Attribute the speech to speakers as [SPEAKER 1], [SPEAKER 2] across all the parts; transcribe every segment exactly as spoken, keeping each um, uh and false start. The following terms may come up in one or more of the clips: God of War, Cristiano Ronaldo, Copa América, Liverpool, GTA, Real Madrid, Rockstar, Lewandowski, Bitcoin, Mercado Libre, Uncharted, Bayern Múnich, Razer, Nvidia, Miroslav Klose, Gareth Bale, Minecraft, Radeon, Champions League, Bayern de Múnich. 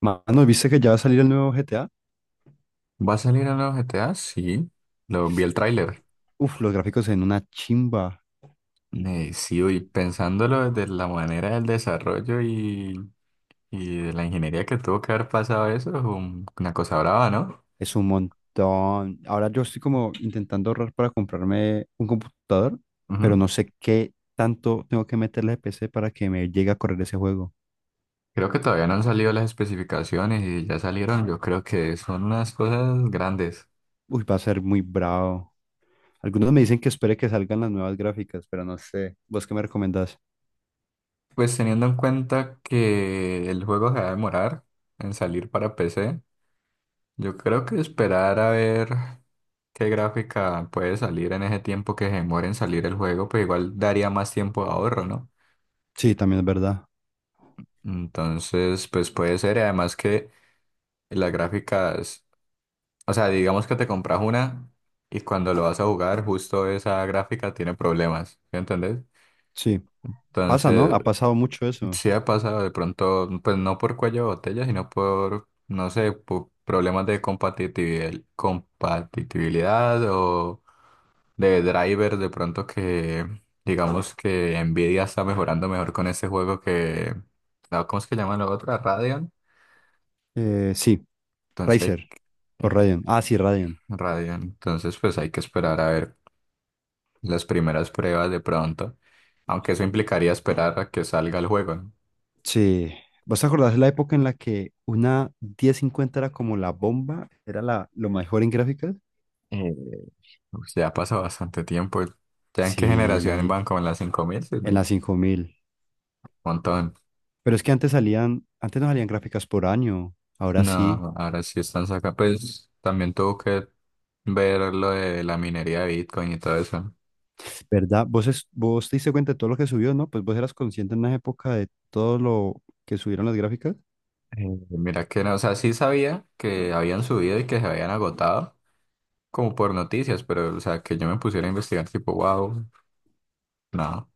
[SPEAKER 1] Mano, ¿viste que ya va a salir el nuevo G T A?
[SPEAKER 2] ¿Va a salir en los G T A? Sí, lo vi el tráiler.
[SPEAKER 1] Uf, los gráficos en una chimba.
[SPEAKER 2] Eh, sí, y pensándolo desde la manera del desarrollo y, y de la ingeniería que tuvo que haber pasado eso, es un- una cosa brava, ¿no?
[SPEAKER 1] Es un montón. Ahora yo estoy como intentando ahorrar para comprarme un computador, pero
[SPEAKER 2] Ujú.
[SPEAKER 1] no sé qué tanto tengo que meterle de P C para que me llegue a correr ese juego.
[SPEAKER 2] Creo que todavía no han salido las especificaciones y ya salieron, yo creo que son unas cosas grandes.
[SPEAKER 1] Uy, va a ser muy bravo. Algunos me dicen que espere que salgan las nuevas gráficas, pero no sé. ¿Vos qué me recomendás?
[SPEAKER 2] Pues teniendo en cuenta que el juego se va a demorar en salir para P C, yo creo que esperar a ver. ¿Qué gráfica puede salir en ese tiempo que se demora en salir el juego? Pues igual daría más tiempo de ahorro, ¿no?
[SPEAKER 1] Sí, también es verdad.
[SPEAKER 2] Entonces, pues puede ser. y Además que las gráficas, o sea, digamos que te compras una y cuando lo vas a jugar, justo esa gráfica tiene problemas, ¿sí entendés?
[SPEAKER 1] Sí. Pasa, ¿no?
[SPEAKER 2] Entonces,
[SPEAKER 1] Ha pasado mucho eso.
[SPEAKER 2] sí ha pasado de pronto, pues no por cuello de botella, sino por, no sé, por problemas de compatibil- compatibilidad o de driver de pronto que digamos que Nvidia está mejorando mejor con ese juego que no, ¿cómo es que llaman la otra? Radeon.
[SPEAKER 1] Eh, sí,
[SPEAKER 2] Entonces,
[SPEAKER 1] Razer. O
[SPEAKER 2] eh,
[SPEAKER 1] Radeon. Ah, sí, Radeon.
[SPEAKER 2] Radeon. Entonces, pues hay que esperar a ver las primeras pruebas de pronto, aunque eso implicaría esperar a que salga el juego, ¿no?
[SPEAKER 1] Sí, ¿vos te acordás de la época en la que una diez cincuenta era como la bomba? Era la, lo mejor en gráficas.
[SPEAKER 2] Eh, pues ya pasó bastante tiempo. ¿Ya en qué generación
[SPEAKER 1] Sí,
[SPEAKER 2] van? ¿Como en las cinco mil,
[SPEAKER 1] en la
[SPEAKER 2] mil?
[SPEAKER 1] cinco mil.
[SPEAKER 2] Montón.
[SPEAKER 1] Pero es que antes salían, antes no salían gráficas por año, ahora
[SPEAKER 2] No,
[SPEAKER 1] sí,
[SPEAKER 2] ahora sí están sacando. Pues también tuvo que ver lo de la minería de Bitcoin y todo eso. ¿No?
[SPEAKER 1] ¿verdad? Vos, es- vos te diste cuenta de todo lo que subió, ¿no? Pues vos eras consciente en una época de todo lo que subieron las gráficas.
[SPEAKER 2] Eh, Mira que no, o sea, sí sabía que habían subido y que se habían agotado, como por noticias, pero, o sea, que yo me pusiera a investigar, tipo, wow, no,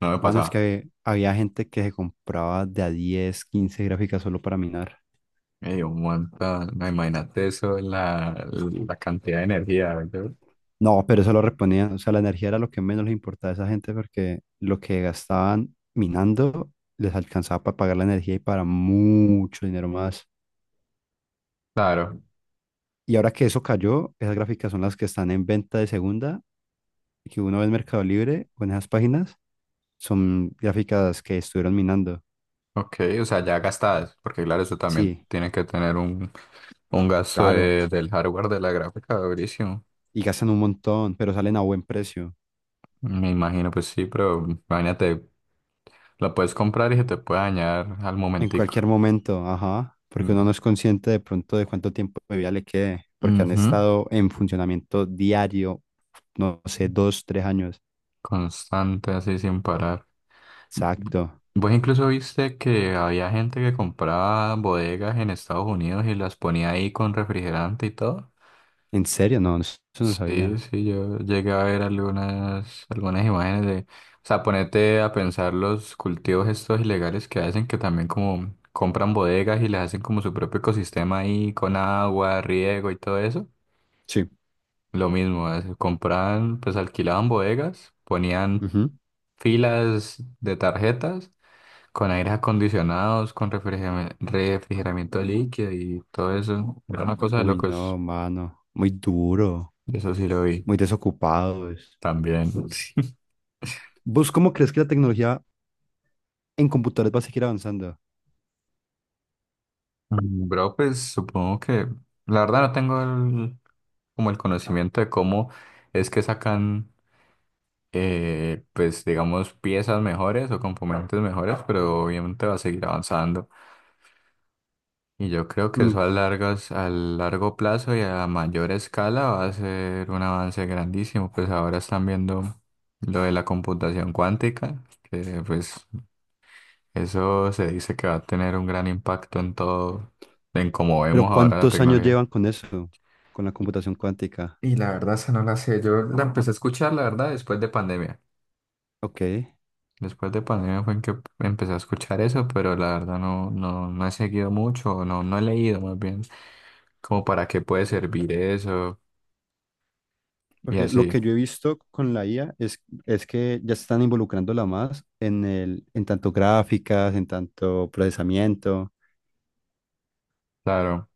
[SPEAKER 2] no me
[SPEAKER 1] Mano, es
[SPEAKER 2] pasaba.
[SPEAKER 1] que había, gente que se compraba de a diez, quince gráficas solo para minar.
[SPEAKER 2] Me dio un montón, no, imagínate eso, la, la cantidad de energía, ¿verdad?
[SPEAKER 1] No, pero eso lo reponían, o sea, la energía era lo que menos les importaba a esa gente porque lo que gastaban minando les alcanzaba para pagar la energía y para mucho dinero más.
[SPEAKER 2] Claro,
[SPEAKER 1] Y ahora que eso cayó, esas gráficas son las que están en venta de segunda y que uno ve en Mercado Libre o en esas páginas, son gráficas que estuvieron minando.
[SPEAKER 2] ok, o sea, ya gastadas, porque claro, eso también
[SPEAKER 1] Sí,
[SPEAKER 2] tiene que tener un, un gasto
[SPEAKER 1] claro,
[SPEAKER 2] de- del hardware de la gráfica, durísimo.
[SPEAKER 1] y gastan un montón, pero salen a buen precio.
[SPEAKER 2] Me imagino, pues sí, pero imagínate, la puedes comprar y se te puede dañar al
[SPEAKER 1] En
[SPEAKER 2] momentico.
[SPEAKER 1] cualquier momento, ajá, porque
[SPEAKER 2] Mm.
[SPEAKER 1] uno no es consciente de pronto de cuánto tiempo de vida le quede, porque han
[SPEAKER 2] Ujú.
[SPEAKER 1] estado en funcionamiento diario, no sé, dos, tres años.
[SPEAKER 2] Constante, así sin parar.
[SPEAKER 1] Exacto.
[SPEAKER 2] Vos incluso viste que había gente que compraba bodegas en Estados Unidos y las ponía ahí con refrigerante y todo.
[SPEAKER 1] ¿En serio? No, eso no lo
[SPEAKER 2] Sí,
[SPEAKER 1] sabía.
[SPEAKER 2] sí, yo llegué a ver algunas, algunas imágenes de, o sea, ponete a pensar los cultivos estos ilegales que hacen, que también como compran bodegas y les hacen como su propio ecosistema ahí con agua, riego y todo eso.
[SPEAKER 1] Sí.
[SPEAKER 2] Lo mismo, es- compraban, pues alquilaban bodegas, ponían
[SPEAKER 1] Ujú.
[SPEAKER 2] filas de tarjetas. Con aires acondicionados, con refrigerami- refrigeramiento líquido y todo eso. Era una cosa de
[SPEAKER 1] Uy,
[SPEAKER 2] locos.
[SPEAKER 1] no, mano, muy duro,
[SPEAKER 2] Eso sí lo vi
[SPEAKER 1] muy desocupados.
[SPEAKER 2] también.
[SPEAKER 1] ¿Vos cómo crees que la tecnología en computadores va a seguir avanzando?
[SPEAKER 2] Mm, Bro, pues supongo que la verdad no tengo el- como el conocimiento de cómo es que sacan, eh, pues digamos, piezas mejores o componentes mejores, pero obviamente va a seguir avanzando. Y yo creo que eso
[SPEAKER 1] Mm,
[SPEAKER 2] a largas, a largo plazo y a mayor escala va a ser un avance grandísimo. Pues ahora están viendo lo de la computación cuántica, que pues eso se dice que va a tener un gran impacto en todo, en cómo
[SPEAKER 1] Pero
[SPEAKER 2] vemos ahora la
[SPEAKER 1] ¿cuántos años
[SPEAKER 2] tecnología.
[SPEAKER 1] llevan con eso? Con la
[SPEAKER 2] Y
[SPEAKER 1] computación cuántica.
[SPEAKER 2] y la verdad, esa no la sé. Yo la empecé a escuchar, la verdad, después de pandemia.
[SPEAKER 1] Ok.
[SPEAKER 2] Después de pandemia fue en que empecé a escuchar eso, pero la verdad no, no, no he seguido mucho, no, no he leído más bien como para qué puede servir eso. Y
[SPEAKER 1] Porque lo
[SPEAKER 2] así,
[SPEAKER 1] que yo he visto con la I A es, es que ya se están involucrándola más en el, en tanto gráficas, en tanto procesamiento,
[SPEAKER 2] claro,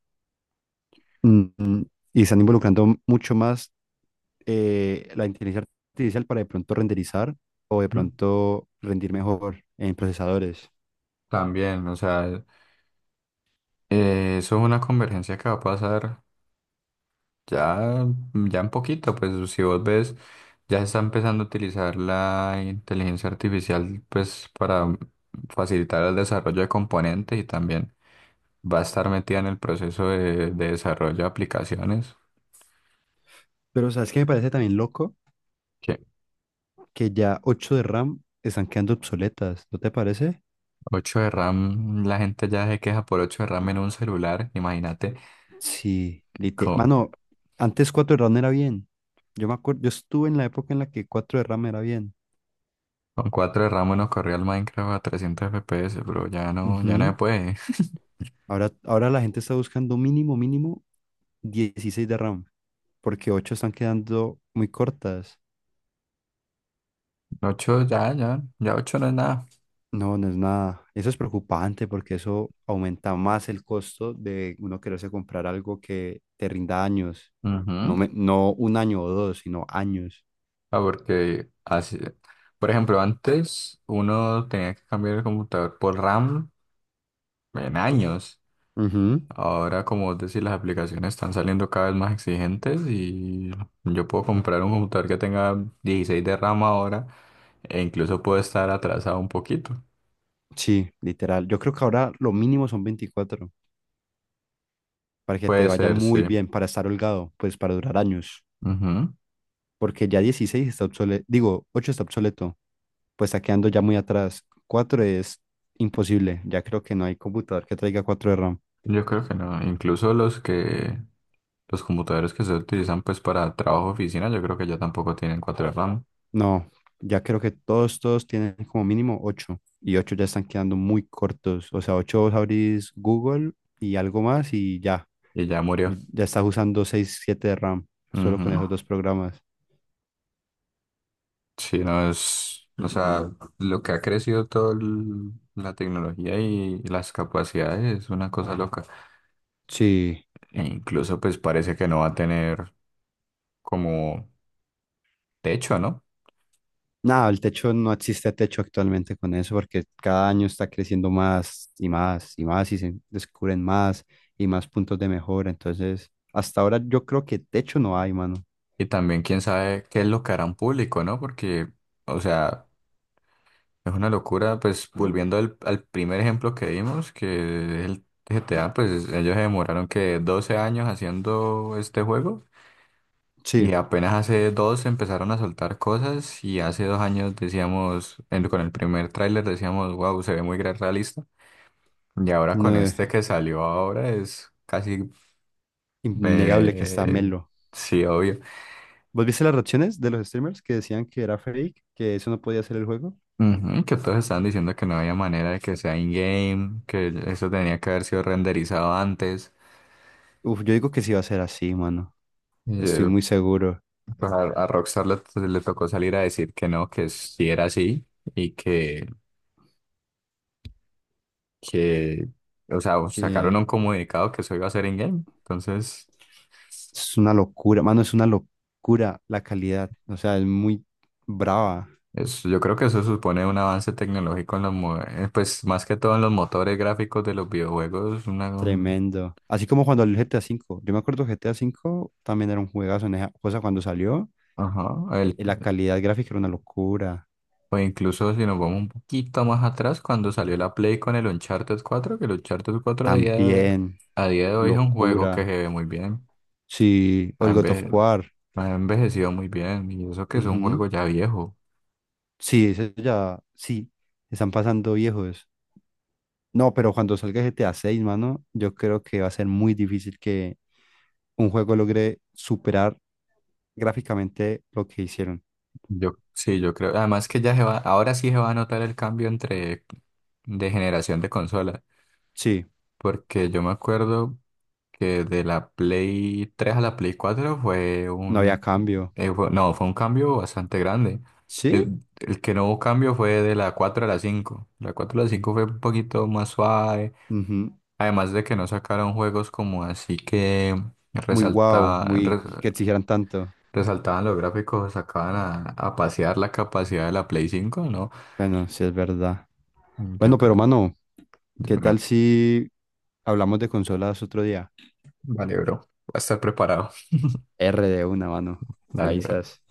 [SPEAKER 1] mm, mm, y están involucrando mucho más eh, la inteligencia artificial para de pronto renderizar o de
[SPEAKER 2] ¿mm?
[SPEAKER 1] pronto rendir mejor en procesadores.
[SPEAKER 2] También, o sea, eh, eso es una convergencia que va a pasar ya, ya en poquito, pues si vos ves, ya se está empezando a utilizar la inteligencia artificial, pues para facilitar el desarrollo de componentes y también va a estar metida en el proceso de, de desarrollo de aplicaciones.
[SPEAKER 1] Pero ¿sabes qué me parece también loco?
[SPEAKER 2] Que
[SPEAKER 1] Que ya ocho de RAM están quedando obsoletas, ¿no te parece?
[SPEAKER 2] ocho de RAM, la gente ya se queja por ocho de RAM en un celular, imagínate,
[SPEAKER 1] Sí, lite-
[SPEAKER 2] co-
[SPEAKER 1] Mano, antes cuatro de RAM era bien. Yo me acuerdo, yo estuve en la época en la que cuatro de RAM era bien.
[SPEAKER 2] Con cuatro de RAM nos corría el Minecraft a trescientos F P S, pero ya no, ya no se
[SPEAKER 1] Ujú.
[SPEAKER 2] puede.
[SPEAKER 1] Ahora, ahora la gente está buscando mínimo, mínimo dieciséis de RAM, porque ocho están quedando muy cortas.
[SPEAKER 2] Ocho ya, ya, ya ocho no es nada.
[SPEAKER 1] No, no es nada. Eso es preocupante porque eso aumenta más el costo de uno quererse comprar algo que te rinda años. No,
[SPEAKER 2] Ujú.
[SPEAKER 1] me- no un año o dos, sino años.
[SPEAKER 2] Ah, porque así, por ejemplo, antes uno tenía que cambiar el computador por RAM en años.
[SPEAKER 1] Ujú.
[SPEAKER 2] Ahora, como vos decís, las aplicaciones están saliendo cada vez más exigentes y yo puedo comprar un computador que tenga dieciséis de RAM ahora e incluso puedo estar atrasado un poquito.
[SPEAKER 1] Sí, literal. Yo creo que ahora lo mínimo son veinticuatro para que te
[SPEAKER 2] Puede
[SPEAKER 1] vaya
[SPEAKER 2] ser,
[SPEAKER 1] muy
[SPEAKER 2] sí.
[SPEAKER 1] bien, para estar holgado, pues para durar años.
[SPEAKER 2] Ujú.
[SPEAKER 1] Porque ya dieciséis está obsoleto, digo, ocho está obsoleto. Pues está quedando ya muy atrás. Cuatro es imposible, ya creo que no hay computador que traiga cuatro de RAM.
[SPEAKER 2] Yo creo que no. Incluso los que los computadores que se utilizan pues para trabajo oficina, yo creo que ya tampoco tienen cuatro de RAM
[SPEAKER 1] No, ya creo que todos, todos tienen como mínimo ocho y ocho ya están quedando muy cortos. O sea, ocho vos abrís Google y algo más y ya,
[SPEAKER 2] y ya murió.
[SPEAKER 1] ya estás usando seis siete de RAM solo con
[SPEAKER 2] Ujú.
[SPEAKER 1] esos dos programas.
[SPEAKER 2] Sí, no es, o sea, lo que ha crecido toda la tecnología y las capacidades es una cosa loca.
[SPEAKER 1] Sí,
[SPEAKER 2] E incluso pues parece que no va a tener como techo, ¿no?
[SPEAKER 1] no, el techo no existe techo actualmente con eso porque cada año está creciendo más y más y más y se descubren más y más puntos de mejora. Entonces, hasta ahora yo creo que techo no hay, mano.
[SPEAKER 2] Y también quién sabe qué es lo que harán público, ¿no? Porque, o sea, es una locura, pues volviendo al, al primer ejemplo que vimos, que es el G T A, pues ellos se demoraron que doce años haciendo este juego y
[SPEAKER 1] Sí,
[SPEAKER 2] apenas hace dos empezaron a soltar cosas y hace dos años decíamos, en- con el primer tráiler decíamos, wow, se ve muy gra- realista y ahora con
[SPEAKER 1] no,
[SPEAKER 2] este
[SPEAKER 1] eh,
[SPEAKER 2] que salió ahora es casi,
[SPEAKER 1] innegable que está
[SPEAKER 2] eh,
[SPEAKER 1] Melo.
[SPEAKER 2] sí, obvio.
[SPEAKER 1] ¿Vos viste las reacciones de los streamers que decían que era fake, que eso no podía ser el juego?
[SPEAKER 2] Ujú, que todos estaban diciendo que no había manera de que sea in-game, que eso tenía que haber sido renderizado antes.
[SPEAKER 1] Uf, yo digo que sí va a ser así, mano. Estoy muy seguro
[SPEAKER 2] Pues a, a Rockstar le, le tocó salir a decir que no, que sí era así y que, que, o sea, sacaron
[SPEAKER 1] que
[SPEAKER 2] un comunicado que eso iba a ser in-game. Entonces,
[SPEAKER 1] es una locura, mano, es una locura la calidad. O sea, es muy brava.
[SPEAKER 2] eso- yo creo que eso supone un avance tecnológico en los, mo- eh, pues más que todo en los motores gráficos de los videojuegos. Una, un-
[SPEAKER 1] Tremendo. Así como cuando el G T A cinco. Yo me acuerdo que G T A cinco también era un juegazo en esa cosa cuando salió.
[SPEAKER 2] ajá,
[SPEAKER 1] eh,
[SPEAKER 2] el-
[SPEAKER 1] eh, La calidad gráfica era una locura.
[SPEAKER 2] o incluso si nos vamos un poquito más atrás, cuando salió la Play con el Uncharted cuatro que el Uncharted cuatro a día,
[SPEAKER 1] También,
[SPEAKER 2] a día de hoy es un juego que
[SPEAKER 1] locura.
[SPEAKER 2] se ve muy bien.
[SPEAKER 1] Sí, o
[SPEAKER 2] ha,
[SPEAKER 1] el God of
[SPEAKER 2] enveje-
[SPEAKER 1] War.
[SPEAKER 2] Ha envejecido muy bien y eso que es un
[SPEAKER 1] Ujú.
[SPEAKER 2] juego ya viejo.
[SPEAKER 1] Sí, ese ya, sí, están pasando viejos. No, pero cuando salga G T A seis, mano, yo creo que va a ser muy difícil que un juego logre superar gráficamente lo que hicieron.
[SPEAKER 2] Yo sí, yo creo. Además que ya se va, ahora sí se va a notar el cambio entre de generación de consola,
[SPEAKER 1] Sí,
[SPEAKER 2] porque yo me acuerdo que de la Play tres a la Play cuatro fue
[SPEAKER 1] no había
[SPEAKER 2] un
[SPEAKER 1] cambio.
[SPEAKER 2] eh, fue- no, fue un cambio bastante grande.
[SPEAKER 1] Sí.
[SPEAKER 2] El, el que no hubo cambio fue de la cuatro a la cinco. La cuatro a la cinco fue un poquito más suave,
[SPEAKER 1] Ujú.
[SPEAKER 2] además de que no sacaron juegos como así que
[SPEAKER 1] Muy guau,
[SPEAKER 2] resalta
[SPEAKER 1] muy que exigieran tanto.
[SPEAKER 2] resaltaban los gráficos, sacaban a, a pasear la capacidad de la Play cinco, ¿no?
[SPEAKER 1] Bueno, sí es verdad.
[SPEAKER 2] Mm, yo
[SPEAKER 1] Bueno, pero
[SPEAKER 2] creo.
[SPEAKER 1] mano,
[SPEAKER 2] Dios
[SPEAKER 1] ¿qué tal
[SPEAKER 2] mío.
[SPEAKER 1] si hablamos de consolas otro día?
[SPEAKER 2] Vale, bro. Va a estar preparado.
[SPEAKER 1] R de una, mano. Me
[SPEAKER 2] Dale, bro.
[SPEAKER 1] avisas.